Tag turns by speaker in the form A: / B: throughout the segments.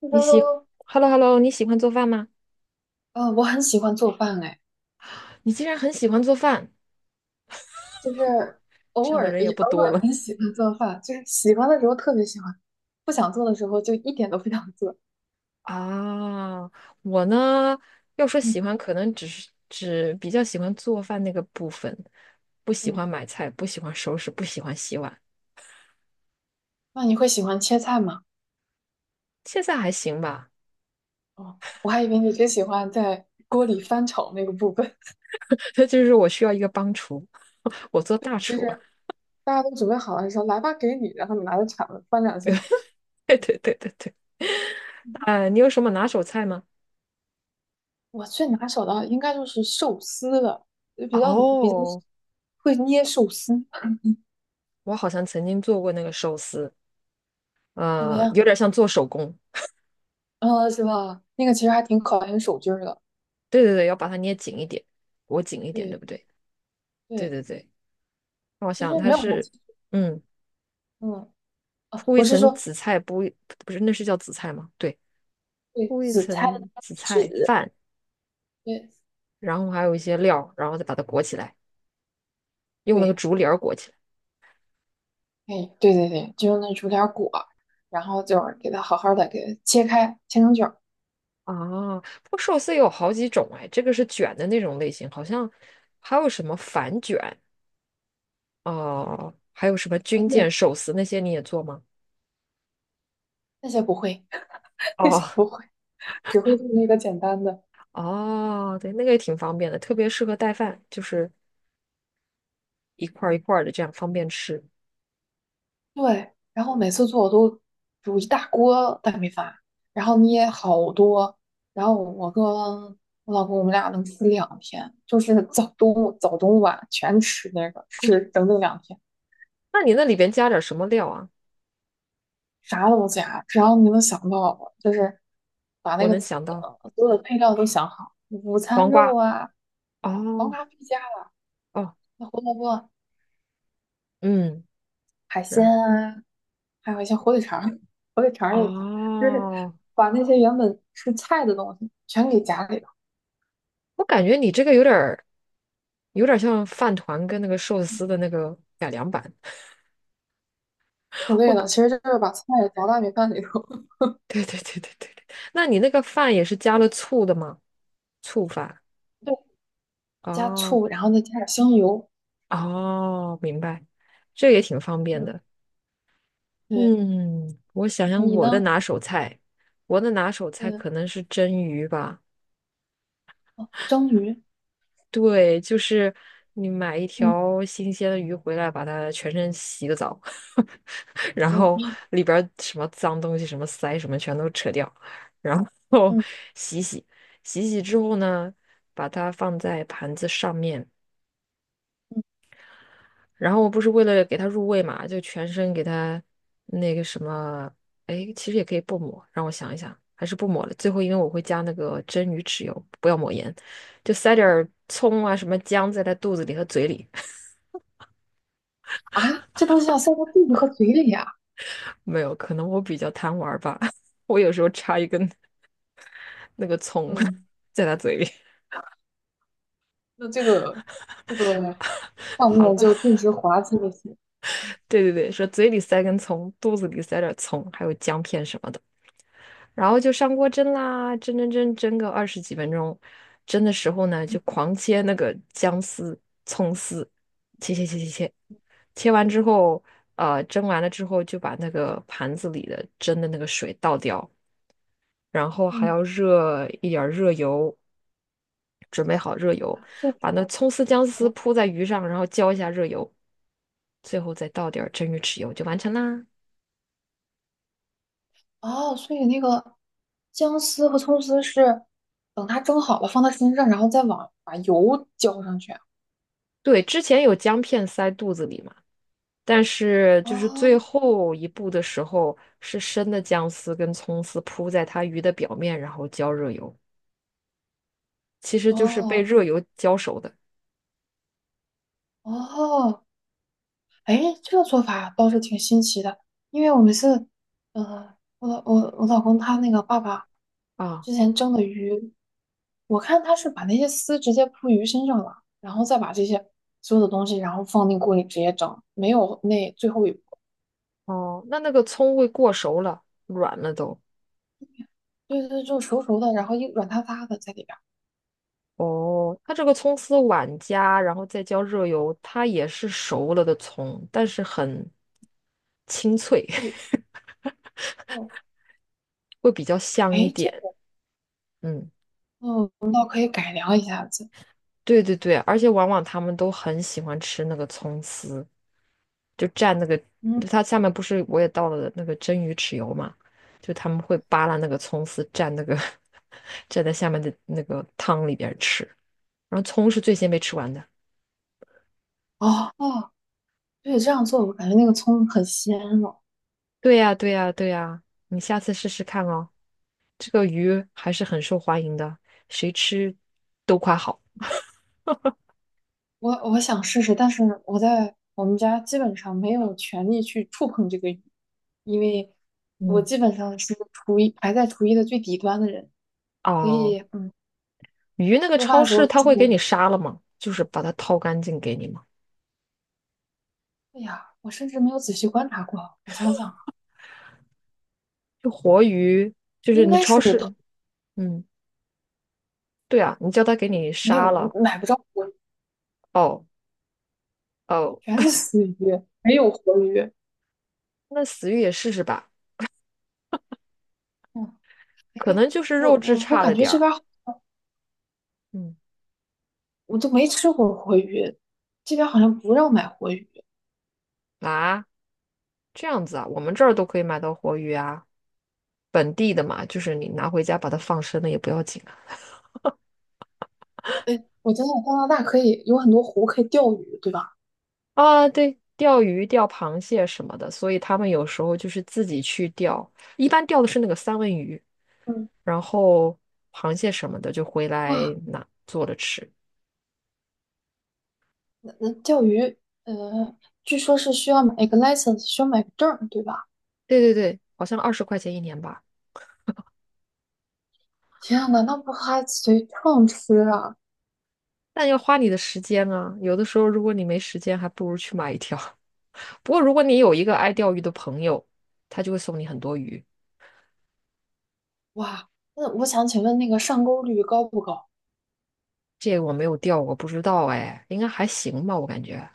A: 你喜
B: 都，
A: ，Hello Hello，你喜欢做饭吗？
B: 我很喜欢做饭，哎，
A: 你竟然很喜欢做饭，
B: 就是
A: 这样的人也不
B: 偶
A: 多
B: 尔
A: 了
B: 很喜欢做饭，就是喜欢的时候特别喜欢，不想做的时候就一点都不想做。
A: 啊。我呢，要说
B: 嗯
A: 喜欢，可能只是比较喜欢做饭那个部分，不喜
B: 嗯，
A: 欢买菜，不喜欢收拾，不喜欢洗碗。
B: 那你会喜欢切菜吗？
A: 现在还行吧，
B: 哦，我还以为你只喜欢在锅里翻炒那个部分，
A: 那就是我需要一个帮厨，我做大
B: 就
A: 厨。
B: 是大家都准备好了说来吧，给你，然后你拿着铲子翻两下。
A: 对对对对对，哎，你有什么拿手菜吗？
B: 我最拿手的应该就是寿司了，就比较
A: 哦，
B: 会捏寿司，
A: 我好像曾经做过那个寿司，
B: 怎么样？
A: 有点像做手工。
B: 啊，是吧？那个其实还挺考验手劲儿的。
A: 对对对，要把它捏紧一点，裹紧一点，
B: 对，
A: 对不对？对
B: 对
A: 对对，那我
B: 其实
A: 想它
B: 没有啥，
A: 是，
B: 技术，
A: 嗯，
B: 嗯，啊，
A: 铺一
B: 不是
A: 层
B: 说
A: 紫菜，不是那是叫紫菜吗？对，
B: 对
A: 铺一
B: 紫菜的
A: 层
B: 那个
A: 紫菜
B: 籽，
A: 饭，
B: 对
A: 然后还有一些料，然后再把它裹起来，用那个
B: 对，
A: 竹帘儿裹起来。
B: 哎，对对对，就用那煮点儿果，然后就是给它好好的给它切开，切成卷儿。
A: 啊，不过寿司有好几种哎，这个是卷的那种类型，好像还有什么反卷哦、还有什么
B: 啊，
A: 军舰
B: 对，
A: 寿司那些你也做吗？
B: 那些不会，那
A: 哦
B: 些不会，只会做那个简单的。
A: 哦，对，那个也挺方便的，特别适合带饭，就是一块儿一块儿的，这样方便吃。
B: 对，然后每次做我都煮一大锅大米饭，然后捏好多，然后我跟我老公我们俩能吃两天，就是早中晚全吃那个，吃整整两天。
A: 那你那里边加点什么料啊？
B: 啥都加，只要你能想到的，就是把那
A: 我
B: 个
A: 能想到
B: 所有的配料都想好，午餐
A: 黄
B: 肉
A: 瓜。
B: 啊，黄
A: 哦
B: 瓜必加了，
A: 哦，
B: 那胡萝卜、
A: 嗯，
B: 海
A: 是
B: 鲜
A: 啊
B: 啊，还有一些火腿肠儿 火腿肠儿也加，就是
A: 哦，
B: 把那些原本是菜的东西全给夹里头，
A: 我感觉你这个有点儿像饭团跟那个寿司的那个改良版。
B: 省
A: 我
B: 略了，
A: 感
B: 其实就是把菜夹到米饭里头，
A: 对对对对对对，那你那个饭也是加了醋的吗？醋饭。
B: 对，加
A: 哦
B: 醋，然后再加点香油，
A: 哦，明白，这也挺方便
B: 嗯，
A: 的。
B: 对，
A: 嗯，我想想
B: 你
A: 我的
B: 呢？
A: 拿手菜，我的拿手菜
B: 嗯，
A: 可能是蒸鱼吧。
B: 蒸鱼，
A: 对，就是你买一
B: 嗯
A: 条新鲜的鱼回来，把它全身洗个澡，然后
B: 嗯
A: 里边儿什么脏东西、什么鳃什么全都扯掉，然后
B: 嗯
A: 洗洗，洗洗之后呢，把它放在盘子上面，
B: 嗯，
A: 然后我不是为了给它入味嘛，就全身给它那个什么，哎，其实也可以不抹，让我想一想，还是不抹了。最后因为我会加那个蒸鱼豉油，不要抹盐，就塞点儿葱啊什么姜在它肚子里和嘴里。
B: 啊，这东西要塞到肚子和嘴里呀，
A: 没有，可能我比较贪玩儿吧，我有时候插一根那个葱
B: 嗯。
A: 在他嘴里。
B: 那这个 画
A: 好了，
B: 面就顿时滑稽了些。
A: 对对对，说嘴里塞根葱，肚子里塞点葱，还有姜片什么的，然后就上锅蒸啦，蒸蒸蒸蒸个20几分钟，蒸的时候呢，
B: 嗯
A: 就狂切那个姜丝、葱丝，切切切切切，切完之后，蒸完了之后就把那个盘子里的蒸的那个水倒掉，然后还
B: 嗯，
A: 要热一点儿热油，准备好热油，
B: 所以
A: 把那葱丝、姜丝铺在鱼上，然后浇一下热油，最后再倒点儿蒸鱼豉油就完成啦。
B: 哦，所以那个姜丝和葱丝是等它蒸好了放到身上，然后再往把油浇上去啊
A: 对，之前有姜片塞肚子里嘛，但是就是最
B: 哦
A: 后一步的时候，是生的姜丝跟葱丝铺在它鱼的表面，然后浇热油，其实就是被
B: 哦
A: 热油浇熟的
B: 哦，哎，这个做法倒是挺新奇的，因为我们是，嗯呃，我老我我老公他那个爸爸
A: 啊。
B: 之前蒸的鱼，我看他是把那些丝直接铺鱼身上了，然后再把这些所有的东西，然后放进锅里直接蒸，没有那最后一步，
A: 哦，那个葱会过熟了，软了都。
B: 对，就是熟熟的，然后一软塌塌的在里边儿。
A: 哦，它这个葱丝碗加，然后再浇热油，它也是熟了的葱，但是很清脆，
B: 对哦，
A: 会比较香一
B: 哎，
A: 点。嗯，
B: 哦可以改良一下子，
A: 对对对，而且往往他们都很喜欢吃那个葱丝，就蘸那个，
B: 嗯，
A: 它下面不是我也倒了那个蒸鱼豉油嘛，就他们会扒拉那个葱丝蘸那个 蘸在下面的那个汤里边吃，然后葱是最先被吃完的。
B: 哦，对，这样做我感觉那个葱很鲜了。
A: 对呀，对呀，对呀，你下次试试看哦。这个鱼还是很受欢迎的，谁吃都夸好。
B: 我想试试，但是我在我们家基本上没有权利去触碰这个鱼，因为我
A: 嗯，
B: 基本上是厨艺的最底端的人，所
A: 哦，
B: 以嗯，
A: 鱼那个
B: 做饭
A: 超
B: 的时
A: 市
B: 候
A: 它
B: 基
A: 会给你
B: 本，
A: 杀了吗？就是把它掏干净给你吗？
B: 哎呀，我甚至没有仔细观察过。我想想啊，
A: 就活鱼，就是
B: 应
A: 你
B: 该
A: 超
B: 是给头
A: 市，嗯，对啊，你叫他给你
B: 没
A: 杀
B: 有
A: 了。
B: 买不着活鱼，
A: 哦哦，
B: 全是死鱼，没有活鱼。
A: 那死鱼也试试吧，
B: 嗯，
A: 可
B: 哎，
A: 能就是
B: 我
A: 肉质
B: 我我
A: 差了
B: 感觉
A: 点
B: 这
A: 儿。
B: 边儿
A: 嗯
B: 我都没吃过活鱼，这边好像不让买活鱼。
A: 啊，这样子啊，我们这儿都可以买到活鱼啊，本地的嘛，就是你拿回家把它放生了也不要紧。
B: 哎我真的加拿大可以有很多湖可以钓鱼，对吧？
A: 啊，对，钓鱼、钓螃蟹什么的，所以他们有时候就是自己去钓，一般钓的是那个三文鱼，
B: 嗯，
A: 然后螃蟹什么的就回来
B: 哇，
A: 拿做着吃。
B: 那钓鱼，呃，据说是需要买一个 license,需要买个证儿对吧？
A: 对对对，好像20块钱一年吧，
B: 天呐，那不还随秤吃啊？
A: 但要花你的时间啊。有的时候如果你没时间，还不如去买一条。不过如果你有一个爱钓鱼的朋友，他就会送你很多鱼。
B: 哇，那我想请问那个上钩率高不高？
A: 这个我没有钓过，不知道哎，应该还行吧，我感觉。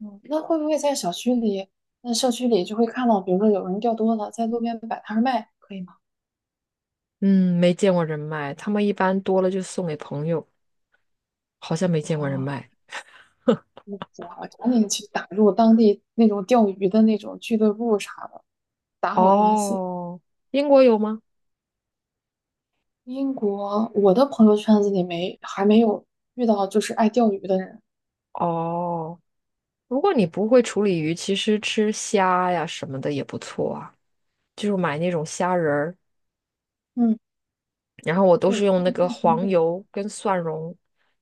B: 嗯，那会不会在小区里，那社区里就会看到，比如说有人钓多了，在路边摆摊儿卖，可以吗？
A: 嗯，没见过人卖，他们一般多了就送给朋友，好像没见过人
B: 哦，
A: 卖。
B: 那我赶紧去打入当地那种钓鱼的那种俱乐部啥的，打好关系。
A: 哦，英国有吗？
B: 英国，我的朋友圈子里没还没有遇到就是爱钓鱼的人。
A: 哦，如果你不会处理鱼，其实吃虾呀什么的也不错啊，就是买那种虾仁儿，
B: 嗯。
A: 然后我都是
B: 对，
A: 用
B: 那
A: 那
B: 个地
A: 个黄油跟蒜蓉，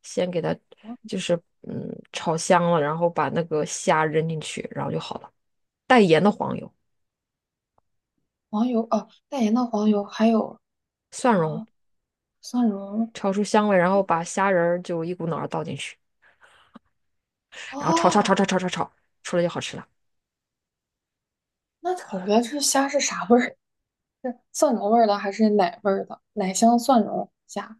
A: 先给它
B: 黄
A: 就是炒香了，然后把那个虾扔进去，然后就好了。带盐的黄油、
B: 黄油哦，带盐的黄油还有
A: 蒜蓉
B: 啊、蒜蓉
A: 炒出香味，然后把虾仁儿就一股脑儿倒进去，然后炒炒炒
B: 哦，
A: 炒炒炒炒，出来就好吃了。
B: 那可能这虾是啥味儿？是蒜蓉味儿的还是奶味儿的？奶香蒜蓉虾，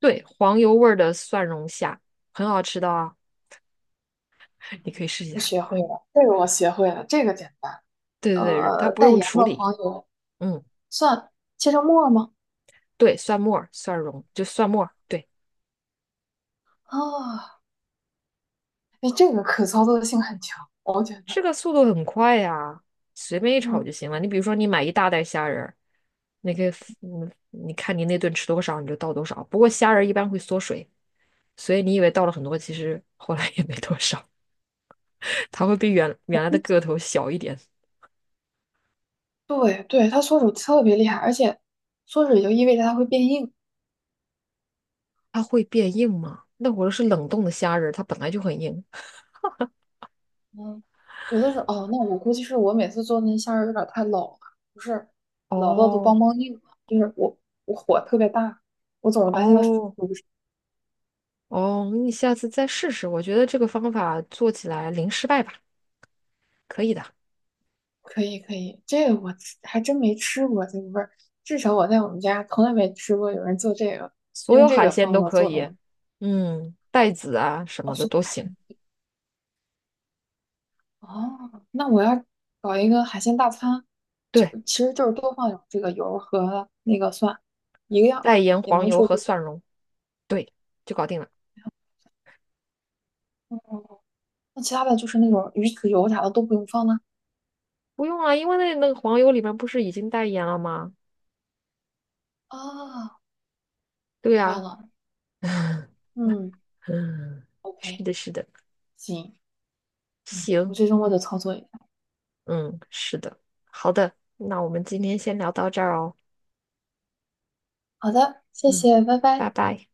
A: 对，黄油味儿的蒜蓉虾很好吃的啊，你可以试一
B: 我
A: 下。
B: 学会了，这个我学会了，这个简单。
A: 对对对，它不
B: 带
A: 用
B: 盐
A: 处
B: 的
A: 理。
B: 黄油
A: 嗯，
B: 蒜切成末儿吗？
A: 对，蒜末儿蒜蓉就蒜末儿对，
B: 啊、哎，这个可操作性很强，我觉
A: 这
B: 得，
A: 个速度很快呀，随便一炒
B: 嗯，
A: 就行了。你比如说，你买一大袋虾仁儿，那个你看你那顿吃多少，你就倒多少。不过虾仁儿一般会缩水，所以你以为倒了很多，其实 后来也没多少，它会比原来的个头小一点。
B: 对对，它缩水特别厉害，而且缩水就意味着它会变硬，
A: 它会变硬吗？那我是冷冻的虾仁儿，它本来就很硬。
B: 嗯，有的时候哦，那我估计是我每次做那虾仁儿有点儿太老了，不是老到都梆
A: 哦
B: 梆硬了，就是我火特别大，我总是拿现在
A: 哦哦，你下次再试试，我觉得这个方法做起来零失败吧。可以的，
B: 可以可以，这个我吃还真没吃过这个味儿，至少我在我们家从来没吃过有人做
A: 所
B: 用
A: 有
B: 这
A: 海
B: 个
A: 鲜
B: 方
A: 都
B: 子
A: 可
B: 做
A: 以，
B: 东西。
A: 嗯，带籽啊什
B: 哦，
A: 么的
B: 松
A: 都
B: 派
A: 行。
B: 的哦，那我要搞一个海鲜大餐，就
A: 对，
B: 其实就是多放点儿这个油儿和那个蒜，一个样
A: 带盐、
B: 也
A: 黄
B: 能
A: 油
B: 出
A: 和
B: 锅。
A: 蒜蓉，对，就搞定了。
B: 那其他的就是那种鱼籽油啥的都不用放呢。那
A: 不用啊，因为那个黄油里面不是已经带盐了吗？
B: 哦，
A: 对
B: 明白
A: 呀、
B: 了，
A: 啊
B: 嗯
A: 嗯，是
B: ，OK,
A: 的，是的，
B: 行，嗯，我
A: 行，
B: 这周末就操作一下。
A: 嗯，是的，好的，那我们今天先聊到这儿哦，
B: 好的，谢
A: 嗯，
B: 谢，拜
A: 拜
B: 拜。
A: 拜。